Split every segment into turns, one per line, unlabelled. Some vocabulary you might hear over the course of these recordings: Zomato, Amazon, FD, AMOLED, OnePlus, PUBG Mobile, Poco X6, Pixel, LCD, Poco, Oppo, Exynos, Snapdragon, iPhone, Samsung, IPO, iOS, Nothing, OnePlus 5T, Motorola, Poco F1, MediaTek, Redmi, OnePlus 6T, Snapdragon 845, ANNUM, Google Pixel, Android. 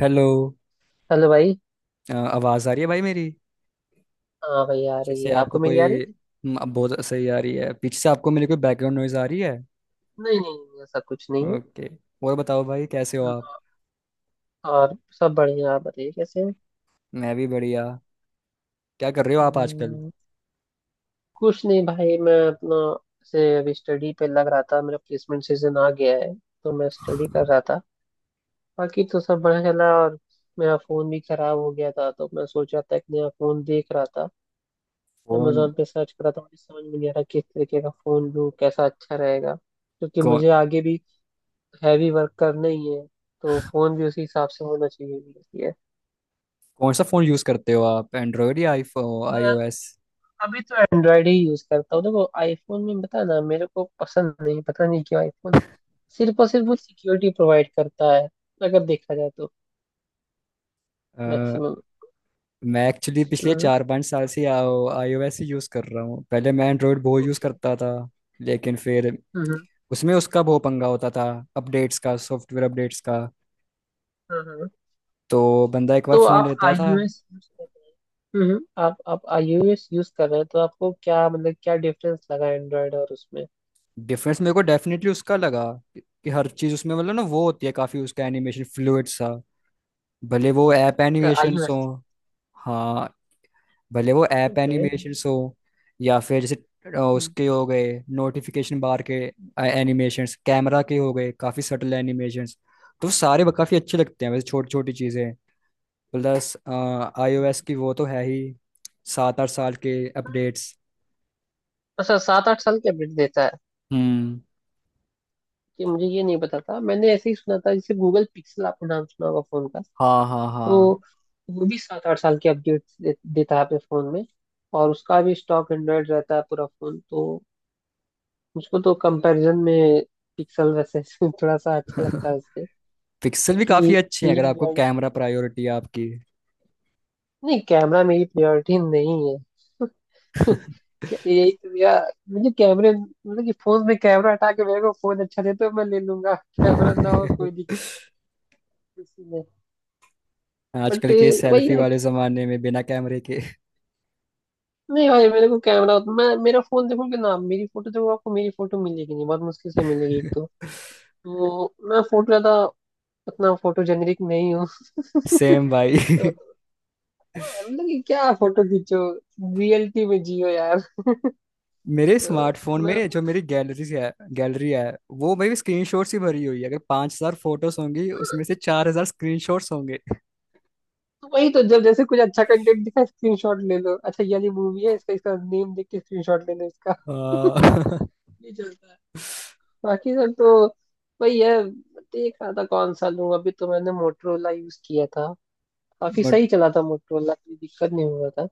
Hello.
Hello भाई।
आवाज़ आ रही है भाई मेरी?
हाँ भाई आ
पीछे
रही
से
है,
आपको
आपको मेरी आ रही
कोई...
है।
अब बहुत सही आ रही है। पीछे से आपको मेरी कोई बैकग्राउंड नॉइज आ रही है?
नहीं नहीं ऐसा कुछ नहीं है।
ओके। और बताओ भाई, कैसे हो आप?
और सब बढ़िया, आप बताइए कैसे हैं।
मैं भी बढ़िया। क्या कर रहे हो आप आजकल?
हम्म, कुछ नहीं भाई मैं अपना से अभी स्टडी पे लग रहा था, मेरा प्लेसमेंट सीजन आ गया है तो मैं स्टडी कर रहा था। बाकी तो सब बढ़िया चला, और मेरा फ़ोन भी ख़राब हो गया था तो मैं सोचा था एक नया फ़ोन देख रहा था।
फोन?
अमेजोन पे सर्च करा था, मुझे समझ में नहीं आ रहा किस तरीके का फ़ोन लूँ कैसा अच्छा रहेगा, क्योंकि
कौन
मुझे आगे भी हैवी वर्क करना ही है। तो फोन भी उसी हिसाब से होना चाहिए भी है।
कौन सा फ़ोन यूज़ करते हो आप, एंड्रॉयड या आईफोन
मैं
आईओएस
अभी तो एंड्रॉयड ही यूज करता हूँ, देखो आईफोन में बता ना, मेरे को पसंद नहीं, पता नहीं क्यों आईफोन सिर्फ और सिर्फ वो सिक्योरिटी प्रोवाइड करता है अगर देखा जाए तो,
अ,
मैक्सिमम।
मैं एक्चुअली पिछले
हम्म।
चार पाँच साल से iOS ही यूज़ कर रहा हूँ। पहले मैं एंड्रॉयड बहुत यूज़
ओके।
करता था। लेकिन फिर
हम्म।
उसमें उसका बहुत पंगा होता था, अपडेट्स का, सॉफ्टवेयर अपडेट्स का।
हम्म।
तो बंदा एक बार
तो
फ़ोन
आप
लेता था।
iOS यूज कर रहे हैं। हम्म, आप iOS यूज कर रहे हैं तो आपको क्या मतलब, क्या डिफरेंस लगा एंड्रॉयड और उसमें।
डिफरेंस मेरे को डेफिनेटली उसका लगा कि हर चीज उसमें, मतलब ना वो होती है काफी, उसका एनिमेशन फ्लूइड सा। भले वो ऐप एनिमेशन हो।
iOS।
हाँ। भले वो ऐप
ओके।
एनिमेशन हो, या फिर जैसे
हम्म।
उसके हो गए नोटिफिकेशन बार के एनिमेशंस, कैमरा के हो गए, काफी सटल एनिमेशंस। तो सारे काफी अच्छे लगते हैं वैसे, छोटी छोटी चीजें। प्लस iOS
हम्म।
की वो तो है ही, सात आठ साल के अपडेट्स।
अच्छा, 7 8 साल की अपडेट देता है,
हम्म।
कि मुझे ये नहीं पता था, मैंने ऐसे ही सुना था, जैसे गूगल पिक्सल आपने नाम सुना होगा फोन का।
हाँ हाँ
तो
हाँ।
वो भी 7 8 साल की देता है अपने फोन में, और उसका भी स्टॉक एंड्रॉयड रहता है पूरा फोन तो। मुझको तो कंपैरिजन में पिक्सल वैसे थोड़ा सा अच्छा लगता है उससे,
पिक्सल भी काफी
क्योंकि
अच्छे हैं अगर आपको
क्लीन।
कैमरा प्रायोरिटी है आपकी।
नहीं, कैमरा मेरी प्रायोरिटी नहीं है। यही तो भैया मुझे कैमरे मतलब कि फोन में कैमरा हटा के मेरे को फोन अच्छा दे तो मैं ले लूंगा। कैमरा ना हो कोई दिक्कत किसी में। बट
आजकल के
वही
सेल्फी
है।
वाले जमाने में बिना कैमरे के!
नहीं भाई, मेरे को कैमरा, मैं, मेरा फोन देखोगे ना, मेरी फोटो देखो, आपको मेरी फोटो मिलेगी नहीं, बहुत मुश्किल से मिलेगी एक दो। तो मैं फोटो ज्यादा, उतना फोटो जेनरिक नहीं हूँ।
सेम भाई।
तो मतलब कि क्या फोटो खींचो, रियलिटी में जियो यार।
मेरे
तो
स्मार्टफोन
मैं
में जो
उतना-
मेरी गैलरी है, गैलरी है, वो भाई स्क्रीनशॉट ही भरी हुई है। अगर 5,000 फोटोज होंगी उसमें से 4,000 स्क्रीनशॉट्स होंगे।
तो वही तो, जब जैसे कुछ अच्छा कंटेंट दिखा स्क्रीनशॉट ले लो, अच्छा ये वाली मूवी है इसका इसका नेम देख के स्क्रीनशॉट ले लो इसका।
आ,
ये चलता है बाकी सब तो। वही है, देख रहा था कौन सा लूं, अभी तो मैंने मोटरोला यूज किया था, काफी
मट,
सही चला था मोटरोला, कोई दिक्कत नहीं हुआ था।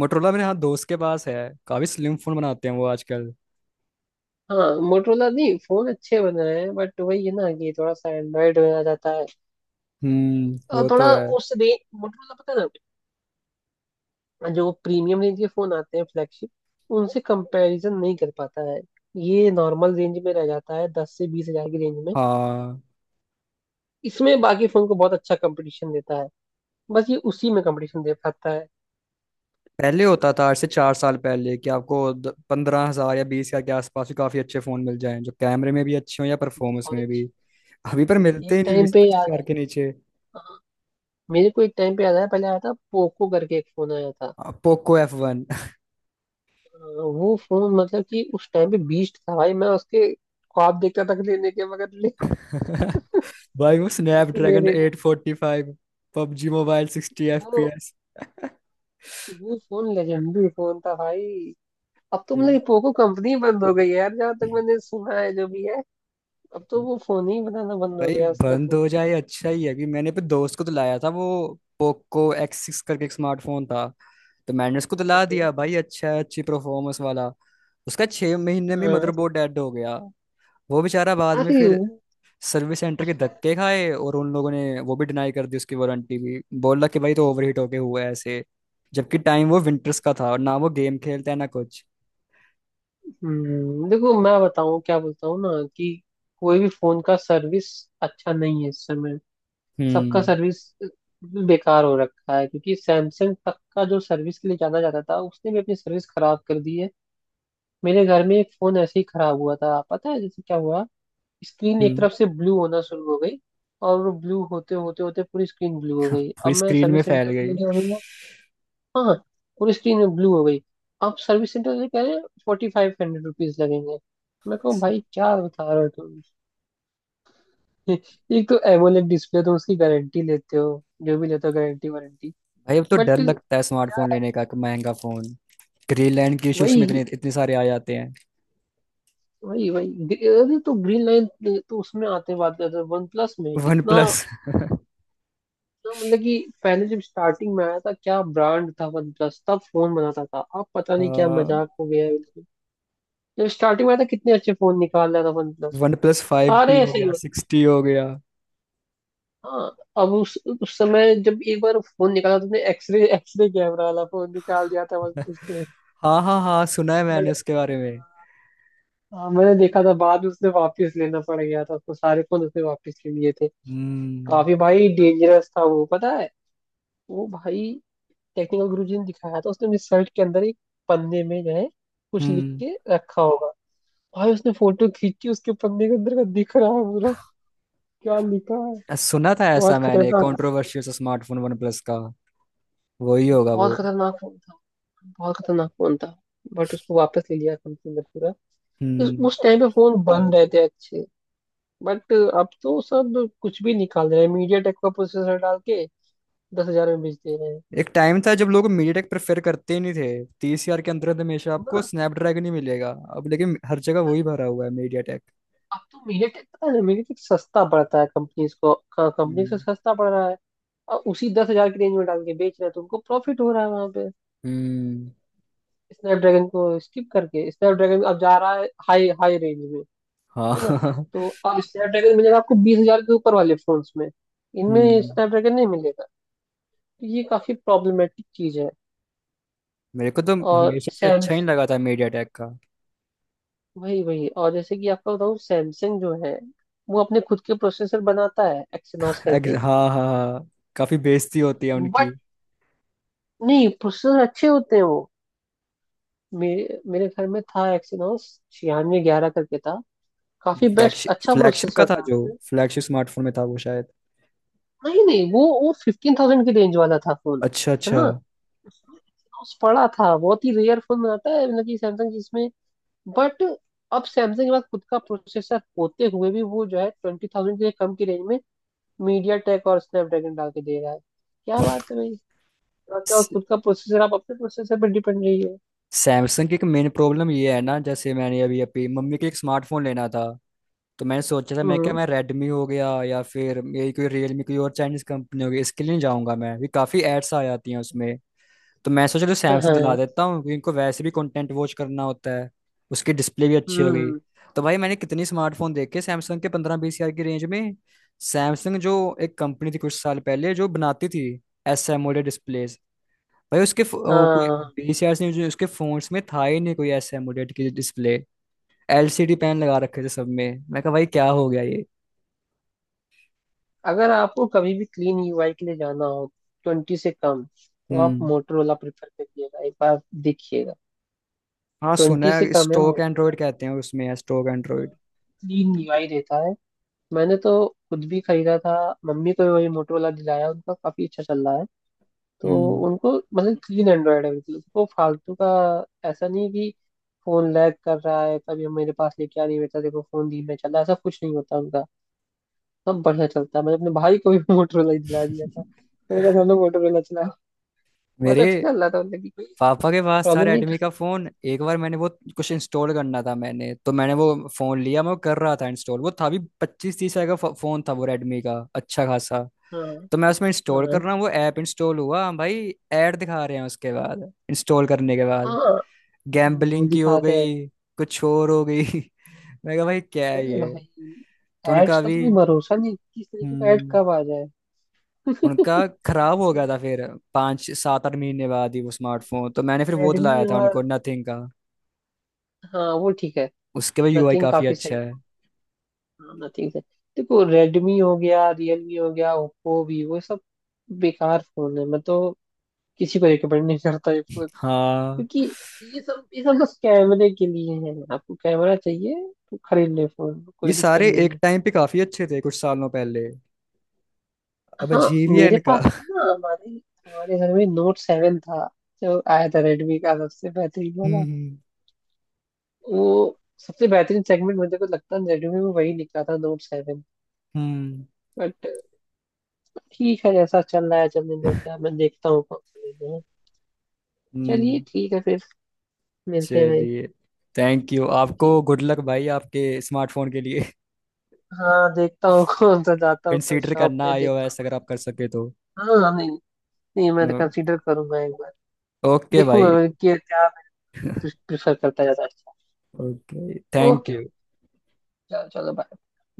मोटरोला मेरे, हाँ, दोस्त के पास है। काफी स्लिम फोन बनाते हैं वो आजकल।
हाँ मोटरोला, नहीं फोन अच्छे बन रहे हैं बट वही है ना कि थोड़ा सा एंड्रॉइड में आ जाता है,
हम्म,
और
वो तो
थोड़ा
है।
उस रेंज मोटरोला, पता है ना जो प्रीमियम रेंज के फोन आते हैं फ्लैगशिप, उनसे कंपैरिजन नहीं कर पाता है, ये नॉर्मल रेंज में रह जाता है 10 से 20 हजार की रेंज में।
हाँ,
इसमें बाकी फोन को बहुत अच्छा कंपटीशन देता है, बस ये उसी में कंपटीशन दे पाता है।
पहले होता था, आज से चार साल पहले, कि आपको पंद्रह
हाँ,
हजार या 20,000 के आसपास भी काफी अच्छे फोन मिल जाएं जो कैमरे में भी अच्छे हों या परफॉर्मेंस
बहुत
में भी।
अच्छी।
अभी पर मिलते
एक
ही नहीं
टाइम
बीस
पे
पच्चीस
याद है।
हजार के नीचे।
हाँ, मेरे को एक टाइम पे याद है, पहले आया था पोको करके एक फोन आया था।
Poco F1!
वो फोन मतलब कि उस टाइम पे बीस्ट था भाई, मैं उसके ख्वाब देखता था कि लेने के मगर ले।
भाई वो
मैं उसको ले
स्नैपड्रैगन
देखा।
845, पबजी मोबाइल सिक्सटी एफ
वो
पी एस
वो फोन लेजेंडरी फोन था भाई। अब तो मतलब पोको कंपनी बंद हो गई है यार, जहाँ तक मैंने सुना है जो भी है। अब तो वो फोन ही बनाना बंद हो
भाई
गया उसका
बंद
तो।
हो जाए अच्छा ही है। अभी मैंने पे दोस्त को तो लाया था वो, पोको X6 करके एक स्मार्टफोन था। तो मैंने उसको तो ला
ओके।
दिया, भाई अच्छा है, अच्छी परफॉर्मेंस वाला। उसका 6 महीने में
हाँ।
मदरबोर्ड डेड हो गया। वो बेचारा बाद में
अरे
फिर
वो-
सर्विस सेंटर के धक्के खाए, और उन लोगों ने वो भी डिनाई कर दी, उसकी वारंटी भी, बोला कि भाई तो ओवरहीट होके हुआ है ऐसे। जबकि टाइम वो विंटर्स का था, और ना वो गेम खेलता है ना कुछ।
देखो मैं बताऊँ क्या बोलता हूँ ना, कि कोई भी फोन का सर्विस अच्छा नहीं है इस समय। सबका
हम्म।
सर्विस बेकार हो रखा है, क्योंकि सैमसंग तक का जो सर्विस के लिए जाना जाता था उसने भी अपनी सर्विस खराब कर दी है। मेरे घर में एक फोन ऐसे ही खराब हुआ था, पता है जैसे क्या हुआ, स्क्रीन एक
हम्म।
तरफ से ब्लू होना शुरू हो गई और वो ब्लू होते होते होते पूरी स्क्रीन ब्लू हो गई,
पूरी
अब मैं
स्क्रीन में
सर्विस
फैल
सेंटर पे
गई?
लेके आऊंगा। हाँ, पूरी स्क्रीन ब्लू हो गई। अब सर्विस सेंटर से कह रहे हैं 4500 रुपीज लगेंगे, मैं कहूँ भाई क्या बता रहे हो तुम। एक तो एमोलेड डिस्प्ले तो उसकी गारंटी लेते हो, जो भी लेते हो गारंटी वारंटी।
भाई अब तो डर
बट
लगता है स्मार्टफोन लेने का, कि महंगा फोन ग्रीनलैंड के इश्यूज में इतने
वही
इतने सारे आ जाते हैं।
वही वही अरे तो ग्रीन लाइन। तो उसमें आते बात कर वन प्लस में
वन
इतना
प्लस।
इतना मतलब कि पहले जब स्टार्टिंग में आया था, क्या ब्रांड था वन प्लस, तब फोन बनाता था, अब पता नहीं क्या मजाक हो गया है बिल्कुल। जब स्टार्टिंग में आया था कितने अच्छे फोन निकाल रहा था वन प्लस,
OnePlus 5T
सारे
हो
ऐसे ही
गया,
होते।
6T हो गया।
हाँ, अब उस समय जब एक बार फोन निकाला तो उसने एक्सरे एक्सरे कैमरा वाला फोन निकाल दिया था वन प्लस ने।
हाँ हाँ हाँ, सुना है
बट
मैंने उसके बारे में।
हाँ, मैंने देखा था बाद में उसने वापस लेना पड़ गया था उसको, सारे फोन उसने वापस ले लिए थे।
हम्म।
काफी भाई डेंजरस था वो, पता है वो भाई। टेक्निकल गुरु जी ने दिखाया था, उसने मेरे शर्ट के अंदर एक पन्ने में जो है कुछ लिख
हम्म,
के रखा होगा, भाई उसने फोटो खींची, उसके पन्ने के अंदर का दिख रहा है पूरा, क्या लिखा है।
सुना था
बहुत
ऐसा मैंने,
खतरनाक।
कंट्रोवर्शियल सा स्मार्टफोन वन प्लस का। वही होगा
बहुत
वो।
खतरनाक फोन था। बहुत खतरनाक फोन था। बट उसको वापस ले लिया कंपनी ने पूरा। उस
हम्म।
उस टाइम पे फोन बन रहे थे अच्छे। बट अब तो सब कुछ भी निकाल रहे हैं मीडिया टेक का प्रोसेसर डाल के, 10 हजार में बेच दे रहे
एक टाइम था जब लोग मीडियाटेक प्रेफर करते ही नहीं थे, 30,000 के अंदर हमेशा आपको
हैं।
स्नैपड्रैगन ही मिलेगा। अब लेकिन हर जगह वही भरा हुआ है, मीडियाटेक।
अब तो मीडियाटेक, पता है मीडियाटेक सस्ता पड़ता है कंपनीज को, कंपनी से सस्ता पड़ रहा है, और उसी 10 हजार की रेंज में डाल के बेच रहे हैं तो उनको प्रॉफिट हो रहा है वहां पे।
हम्म।
स्नैपड्रैगन को स्किप करके स्नैपड्रैगन अब जा रहा है हाई हाई रेंज में, है ना।
हाँ।
तो अब स्नैपड्रैगन मिलेगा आपको 20 हजार के ऊपर वाले फोन्स में, इनमें
हम्म।
स्नैपड्रैगन नहीं मिलेगा। तो ये काफी प्रॉब्लमेटिक चीज है।
मेरे को तो
और
हमेशा से अच्छा ही
सैमसंग,
लगा था मीडिया टेक का।
वही वही और जैसे कि आपको बताऊँ, सैमसंग जो है वो अपने खुद के प्रोसेसर बनाता है एक्सिनॉस करके।
हाँ हाँ हाँ। काफी बेइज्जती होती है उनकी।
नहीं प्रोसेसर अच्छे होते हैं वो। मेरे मेरे घर में था एक्सिनोस 9611 करके था, काफी बेस्ट
फ्लैगशिप,
अच्छा
फ्लैगशिप का
प्रोसेसर
था
था
जो,
उसमें।
फ्लैगशिप स्मार्टफोन में था वो शायद।
नहीं नहीं वो 15,000 की रेंज वाला था फोन,
अच्छा
है
अच्छा।
ना। उसमें Exynos पड़ा था, बहुत ही रेयर फोन आता है मतलब कि सैमसंग जिसमें। बट अब सैमसंग के पास खुद का प्रोसेसर होते हुए भी वो जो है 20,000 से कम की रेंज में मीडिया टेक और स्नैपड्रैगन डाल के दे रहा है। क्या बात है भाई, आपके पास खुद का प्रोसेसर आप अपने प्रोसेसर पर डिपेंड रही हो।
सैमसंग की एक मेन प्रॉब्लम ये है ना, जैसे मैंने अभी अभी मम्मी के एक स्मार्टफोन लेना था। तो मैंने सोचा था मैं क्या,
हम्म।
मैं रेडमी हो गया या फिर यही कोई रियलमी, कोई और चाइनीज कंपनी हो गई, इसके लिए नहीं जाऊंगा। मैं भी काफी एड्स आ जाती हैं उसमें। तो मैं सोच रहा
हाँ
सैमसंग दिला
हाँ।
देता हूँ, क्योंकि इनको वैसे भी कंटेंट वॉच करना होता है। उसकी डिस्प्ले भी अच्छी हो गई।
हम्म।
तो भाई मैंने कितनी स्मार्टफोन देखे सैमसंग के, 15-20 हजार की रेंज में। सैमसंग जो एक कंपनी थी कुछ साल पहले, जो बनाती थी S AMOLED डिस्प्लेज, भाई उसके कोई
हाँ।
20,000 से जो उसके फोन्स में था ही नहीं कोई S AMOLED की डिस्प्ले। LCD पैन लगा रखे थे सब में, मैं कहा भाई क्या हो गया ये!
अगर आपको कभी भी क्लीन यूआई के लिए जाना हो 20 से कम, तो आप
हम्म।
मोटरोला प्रेफर करिएगा एक बार, देखिएगा।
हाँ, सुना
20 से
है
कम है
स्टोक
मोटरोला,
एंड्रॉइड कहते हैं उसमें, है स्टोक एंड्रॉइड।
क्लीन यूआई देता है। मैंने तो खुद भी खरीदा था, मम्मी को भी वही मोटरोला दिलाया, उनका काफी अच्छा चल रहा है तो।
हम्म।
उनको मतलब क्लीन एंड्रॉयड है बिल्कुल, उनको फालतू का, ऐसा नहीं कि फोन लैग कर रहा है तभी हम मेरे पास लेके आ, नहीं बेटा देखो फोन धीमे चल रहा है, ऐसा कुछ नहीं होता उनका। सब बढ़िया चलता है, मैंने अपने भाई को भी मोटरोला ही दिला दिया था। मैंने कहा सामने मोटरोला चला, बहुत
मेरे
अच्छा चल रहा था मतलब कि कोई
पापा के पास था
प्रॉब्लम नहीं था।
रेडमी का फोन। एक बार मैंने वो कुछ इंस्टॉल करना था, मैंने तो मैंने वो फोन लिया, मैं वो कर रहा था इंस्टॉल। वो था भी 25-30 हजार का फोन था वो, रेडमी का अच्छा खासा।
हाँ।
तो मैं उसमें इंस्टॉल
हाँ।
कर रहा हूँ वो ऐप, इंस्टॉल हुआ, हाँ भाई ऐड दिखा रहे हैं उसके बाद, इंस्टॉल करने के
हाँ।
बाद।
हाँ,
गैम्बलिंग की हो
दिखाते हैं।
गई, कुछ और हो गई। मैं कहा भाई क्या है
अरे
ये!
भाई,
तो उनका
एड्स का
अभी...
तो कोई भरोसा नहीं, किस तरीके का एड
हम्म।
कब आ जाए।
उनका खराब हो गया था फिर, पाँच सात आठ महीने बाद ही वो स्मार्टफोन। तो मैंने फिर वो दिलाया
रेडमी
था उनको,
और,
नथिंग का।
हाँ वो ठीक है।
उसके भी UI
नथिंग
काफी
काफी
अच्छा
सही।
है।
हाँ नथिंग सही। देखो रेडमी हो गया, रियलमी हो गया, ओप्पो वीवो सब बेकार फोन है, मैं तो किसी को रिकमेंड नहीं करता,
हाँ,
क्योंकि ये सब बस कैमरे के लिए है, आपको कैमरा चाहिए तो खरीद ले फोन
ये
कोई दिक्कत
सारे
नहीं
एक
है।
टाइम पे काफी अच्छे थे कुछ सालों पहले। अब
हाँ मेरे
GVN का।
पास था ना, हमारे हमारे घर में Note 7 था, जो आया था रेडमी का सबसे बेहतरीन वाला।
हम्म।
वो सबसे बेहतरीन सेगमेंट मुझे को लगता है रेडमी में वही निकला था, Note 7।
हम्म।
बट ठीक है, जैसा चल रहा है चलने दो, क्या मैं देखता हूँ कौन सा लेना है। चलिए
हम्म,
ठीक है फिर, मिलते हैं भाई।
चलिए। थैंक यू, आपको
जी।
गुड लक भाई आपके स्मार्टफोन के लिए।
हाँ देखता हूँ कौन सा, जाता हूँ कल
कंसीडर
शॉप
करना
पे देखता
iOS, अगर आप कर सके तो।
हूँ। हाँ नहीं, नहीं मैं तो कंसीडर करूंगा एक बार,
ओके भाई।
देखूंगा कि क्या प्रेफर करता है ज्यादा अच्छा।
Okay, thank
okay okay,
you.
चलो चलो bye।